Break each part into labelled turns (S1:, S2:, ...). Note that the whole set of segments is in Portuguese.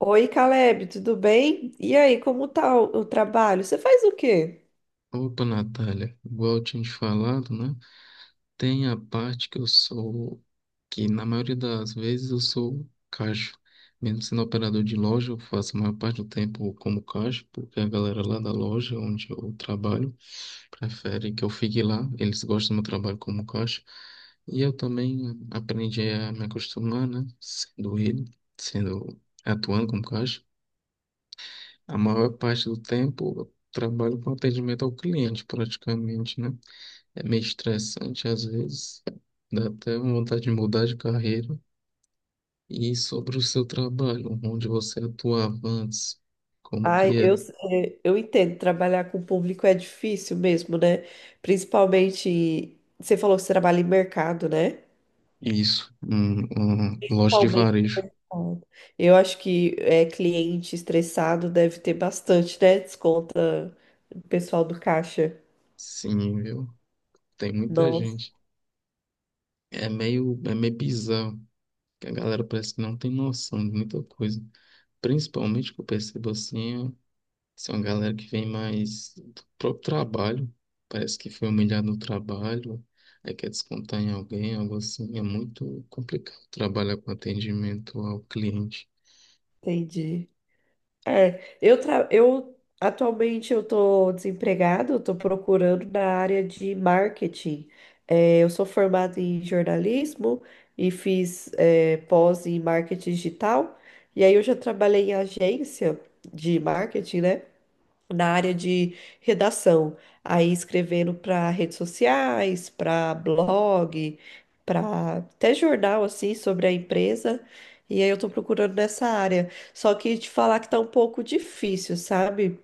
S1: Oi, Caleb, tudo bem? E aí, como tá o trabalho? Você faz o quê?
S2: Opa, Natália, igual eu tinha te falado, né? Tem a parte que na maioria das vezes eu sou caixa. Mesmo sendo operador de loja, eu faço a maior parte do tempo como caixa, porque a galera lá da loja onde eu trabalho prefere que eu fique lá. Eles gostam do meu trabalho como caixa. E eu também aprendi a me acostumar, né? Sendo ele, sendo atuando como caixa. A maior parte do tempo eu trabalho com atendimento ao cliente, praticamente, né? É meio estressante às vezes, dá até vontade de mudar de carreira. E sobre o seu trabalho, onde você atuava antes, como que
S1: Ai,
S2: era?
S1: eu entendo, trabalhar com o público é difícil mesmo, né? Principalmente, você falou que você trabalha em mercado, né?
S2: Isso, loja de
S1: Principalmente.
S2: varejo.
S1: Eu acho que cliente estressado deve ter bastante, né? Desconta o pessoal do caixa.
S2: Sim, viu? Tem muita
S1: Nossa,
S2: gente. É meio bizarro, que a galera parece que não tem noção de muita coisa. Principalmente que eu percebo assim, são uma galera que vem mais do próprio trabalho. Parece que foi humilhado no trabalho, aí quer descontar em alguém, algo assim. É muito complicado trabalhar com atendimento ao cliente.
S1: entendi. É, eu, tra... eu atualmente eu tô desempregado, eu tô procurando na área de marketing. É, eu sou formada em jornalismo e fiz pós em marketing digital. E aí eu já trabalhei em agência de marketing, né? Na área de redação, aí escrevendo para redes sociais, para blog, para até jornal assim sobre a empresa. E aí eu tô procurando nessa área. Só que te falar que tá um pouco difícil, sabe?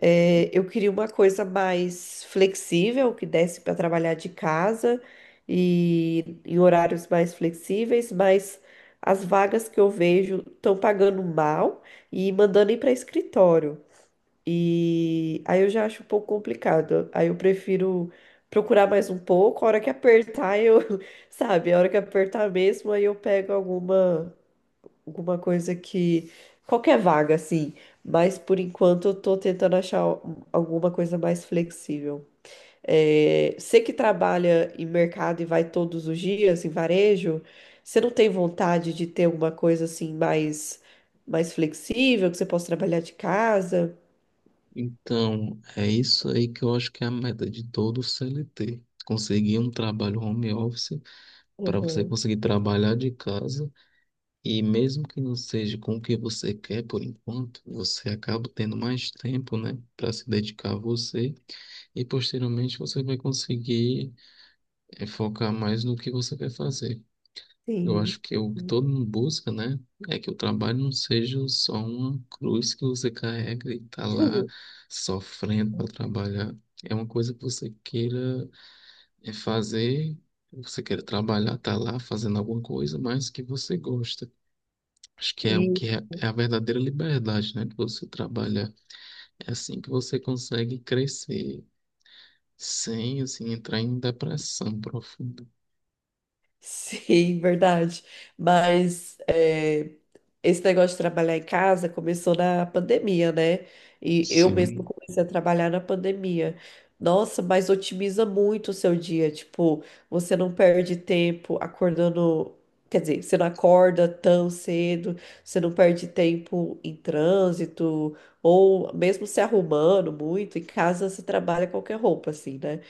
S1: É, eu queria uma coisa mais flexível, que desse para trabalhar de casa e em horários mais flexíveis, mas as vagas que eu vejo estão pagando mal e mandando ir para escritório. E aí eu já acho um pouco complicado. Aí eu prefiro procurar mais um pouco, a hora que apertar eu, sabe, a hora que apertar mesmo, aí eu pego alguma coisa que qualquer vaga assim, mas por enquanto eu tô tentando achar alguma coisa mais flexível. É, você que trabalha em mercado e vai todos os dias em varejo, você não tem vontade de ter uma coisa assim mais flexível, que você possa trabalhar de casa?
S2: Então, é isso aí que eu acho que é a meta de todo CLT. Conseguir um trabalho home office para você
S1: Uhum.
S2: conseguir trabalhar de casa. E mesmo que não seja com o que você quer por enquanto, você acaba tendo mais tempo, né, para se dedicar a você, e posteriormente você vai conseguir focar mais no que você quer fazer. Eu
S1: Sim.
S2: acho que o que todo mundo busca, né, é que o trabalho não seja só uma cruz que você carrega e tá lá sofrendo para trabalhar. É uma coisa que você queira fazer, você queira trabalhar, tá lá fazendo alguma coisa, mas que você gosta. Acho que é o
S1: E,
S2: que é, é a verdadeira liberdade, né? De você trabalhar. É assim que você consegue crescer sem, assim, entrar em depressão profunda.
S1: sim, verdade. Mas esse negócio de trabalhar em casa começou na pandemia, né? E eu mesma
S2: Sim,
S1: comecei a trabalhar na pandemia. Nossa, mas otimiza muito o seu dia. Tipo, você não perde tempo acordando. Quer dizer, você não acorda tão cedo, você não perde tempo em trânsito, ou mesmo se arrumando muito, em casa você trabalha qualquer roupa, assim, né?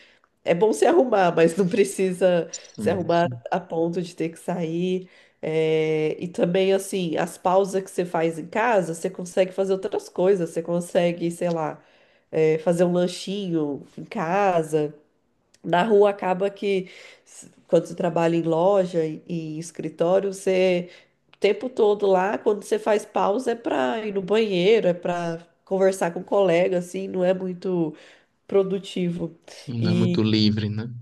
S1: É bom se arrumar, mas não precisa se
S2: sim,
S1: arrumar
S2: sim,
S1: a ponto de ter que sair. É, e também, assim, as pausas que você faz em casa, você consegue fazer outras coisas. Você consegue, sei lá, fazer um lanchinho em casa. Na rua acaba que, quando você trabalha em loja e em escritório, você, o tempo todo lá, quando você faz pausa, é para ir no banheiro, é para conversar com o colega, assim, não é muito produtivo.
S2: sim, não é muito livre, né?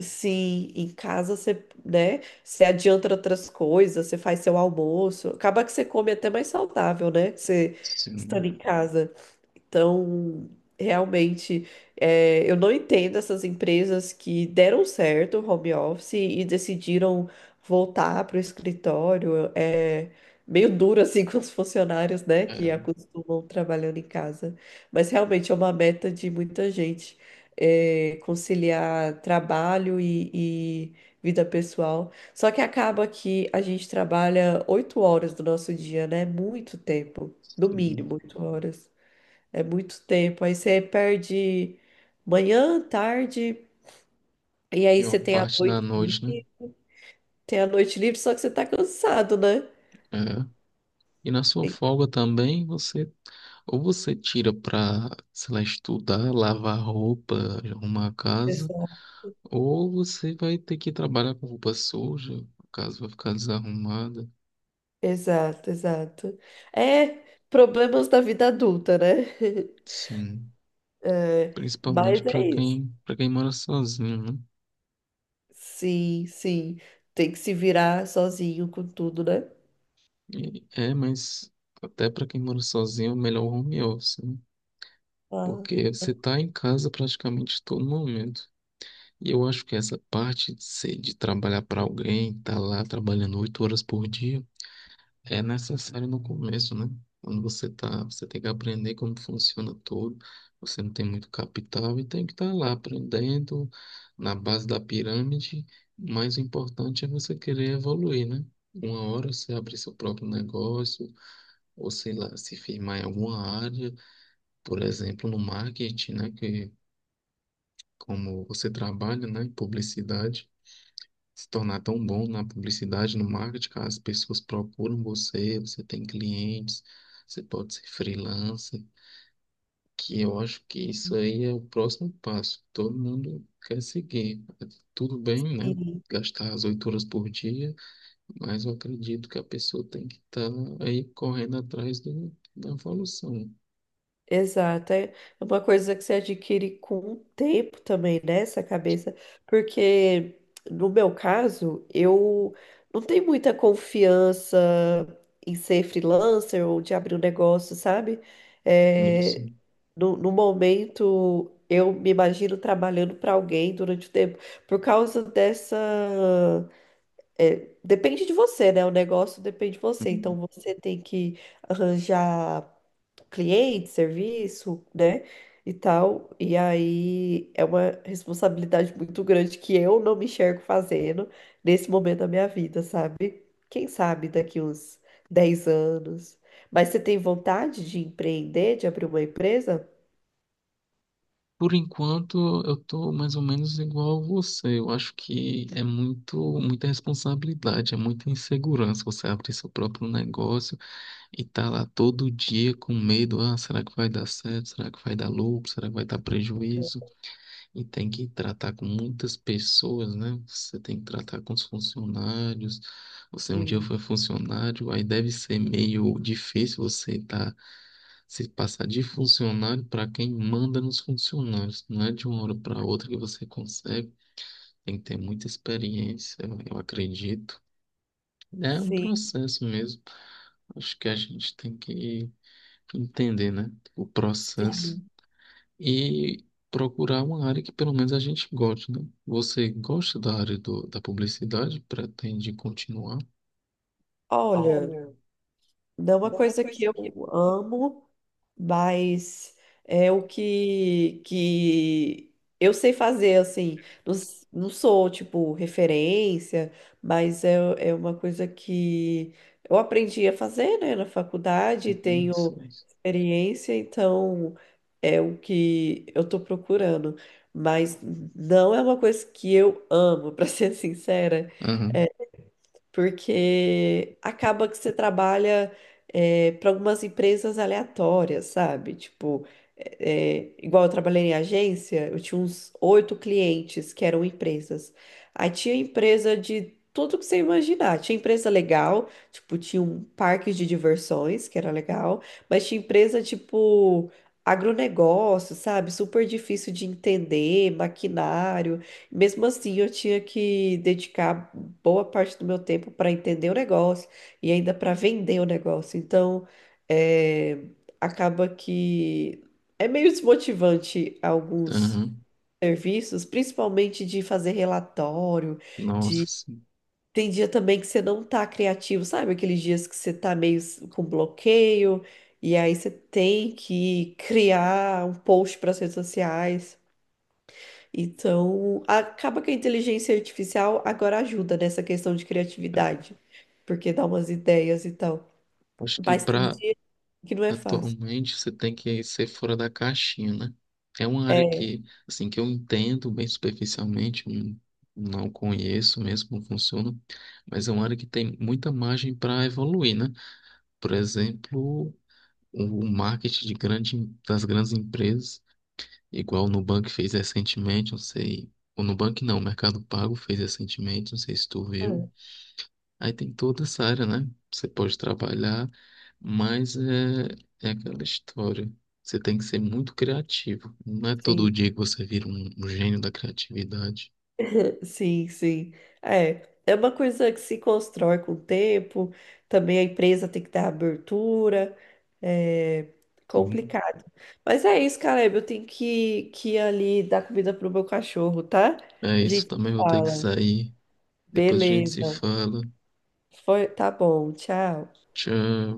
S1: Sim, em casa você, né, você adianta outras coisas, você faz seu almoço. Acaba que você come até mais saudável, né? Você estando
S2: Sim.
S1: em casa. Então, realmente, eu não entendo essas empresas que deram certo o home office e decidiram voltar para o escritório. É meio duro assim com os funcionários, né, que
S2: É,
S1: acostumam trabalhando em casa. Mas realmente é uma meta de muita gente, conciliar trabalho e vida pessoal. Só que acaba que a gente trabalha 8 horas do nosso dia, né? Muito tempo, no
S2: sim.
S1: mínimo 8 horas. É muito tempo. Aí você perde manhã, tarde, e aí
S2: E uma
S1: você tem a
S2: parte da
S1: noite,
S2: noite, né?
S1: livre- tem a noite livre, só que você tá cansado, né?
S2: É. E na sua folga também, você ou você tira pra, sei lá, estudar, lavar roupa, arrumar a casa,
S1: Exato.
S2: ou você vai ter que trabalhar com roupa suja, a casa vai ficar desarrumada.
S1: Exato. Exato. É problemas da vida adulta, né?
S2: Sim,
S1: É,
S2: principalmente
S1: mas é isso.
S2: para quem mora sozinho, né?
S1: Sim, sim. Tem que se virar sozinho com tudo, né?
S2: E- é, mas até para quem mora sozinho, é melhor o home office, né?
S1: Ah,
S2: Porque você tá em casa praticamente todo momento. E eu acho que essa parte de ser, de trabalhar para alguém, tá lá trabalhando 8 horas por dia, é necessário no começo, né? Quando você tá, você tem que aprender como funciona tudo. Você não tem muito capital e tem que estar lá aprendendo na base da pirâmide. Mas o importante é você querer evoluir, né? Uma hora você abrir seu próprio negócio, ou sei lá, se firmar em alguma área, por exemplo, no marketing, né? Que como você trabalha, né? Em publicidade, se tornar tão bom na publicidade, no marketing, cara, as pessoas procuram você, você tem clientes, você pode ser freelancer, que eu acho que isso aí é o próximo passo. Todo mundo quer seguir. Tudo bem, né?
S1: sim.
S2: Gastar as 8 horas por dia, mas eu acredito que a pessoa tem que estar aí correndo atrás do, da evolução.
S1: Exato, é uma coisa que você adquire com o tempo também, né? Essa cabeça, porque no meu caso, eu não tenho muita confiança em ser freelancer ou de abrir um negócio, sabe?
S2: Isso.
S1: É, no momento, eu me imagino trabalhando para alguém durante o tempo, por causa dessa. Depende de você, né? O negócio depende de você, então você tem que arranjar cliente, serviço, né? E tal. E aí é uma responsabilidade muito grande que eu não me enxergo fazendo nesse momento da minha vida, sabe? Quem sabe daqui uns 10 anos. Mas você tem vontade de empreender, de abrir uma empresa?
S2: Por enquanto, eu tô mais ou menos igual a você. Eu acho que é muito, muita responsabilidade, é muita insegurança você abrir seu próprio negócio e tá lá todo dia com medo, ah, será que vai dar certo? Será que vai dar lucro? Será que vai dar prejuízo? E tem que tratar com muitas pessoas, né? Você tem que tratar com os funcionários. Você um dia
S1: Sim.
S2: foi funcionário, aí deve ser meio difícil você estar se passar de funcionário para quem manda nos funcionários. Não é de uma hora para outra que você consegue. Tem que ter muita experiência, eu acredito. É um
S1: Sim.
S2: processo mesmo. Acho que a gente tem que entender, né? O
S1: Sim.
S2: processo, e procurar uma área que pelo menos a gente goste, né? Você gosta da área do, da publicidade? Pretende continuar?
S1: Olha,
S2: Olha.
S1: não é uma
S2: É uma
S1: coisa que
S2: coisa
S1: eu
S2: que
S1: amo. Mas é o que eu sei fazer, assim. Não, não sou, tipo, referência, mas é uma coisa que eu aprendi a fazer, né, na faculdade,
S2: Uhum,
S1: tenho
S2: sim.
S1: experiência, então é o que eu tô procurando. Mas não é uma coisa que eu amo, pra ser sincera,
S2: Aham,
S1: porque acaba que você trabalha para algumas empresas aleatórias, sabe? Tipo, igual eu trabalhei em agência, eu tinha uns oito clientes que eram empresas. Aí tinha empresa de tudo que você imaginar. Tinha empresa legal, tipo, tinha um parque de diversões, que era legal, mas tinha empresa tipo agronegócio, sabe? Super difícil de entender, maquinário. Mesmo assim, eu tinha que dedicar boa parte do meu tempo para entender o negócio e ainda para vender o negócio. Então, é, acaba que é meio desmotivante alguns
S2: aham.
S1: serviços, principalmente de fazer relatório.
S2: Nossa,
S1: De
S2: sim.
S1: Tem dia também que você não tá criativo, sabe? Aqueles dias que você tá meio com bloqueio e aí você tem que criar um post para as redes sociais. Então, acaba que a inteligência artificial agora ajuda nessa questão de criatividade, porque dá umas ideias e tal.
S2: Acho que
S1: Mas tem
S2: para
S1: dia que não é fácil.
S2: Atualmente você tem que ser fora da caixinha, né? É uma área
S1: É,
S2: que, assim, que eu entendo bem superficialmente, não conheço mesmo como funciona, mas é uma área que tem muita margem para evoluir, né? Por exemplo, o marketing das grandes empresas, igual o Nubank fez recentemente, não sei, o Nubank não, o Mercado Pago fez recentemente, não sei se tu viu.
S1: hum,
S2: Aí tem toda essa área, né? Você pode trabalhar, mas é aquela história. Você tem que ser muito criativo. Não é todo
S1: sim,
S2: dia que você vira um gênio da criatividade.
S1: sim, sim. É, é uma coisa que se constrói com o tempo, também a empresa tem que dar abertura, é
S2: Sim.
S1: complicado. Mas é isso, Caleb, eu tenho que ir ali dar comida pro meu cachorro, tá?
S2: É
S1: A
S2: isso
S1: gente
S2: também, vou ter que
S1: fala.
S2: sair. Depois a gente se
S1: Beleza.
S2: fala.
S1: Foi, tá bom, tchau.
S2: Tchau.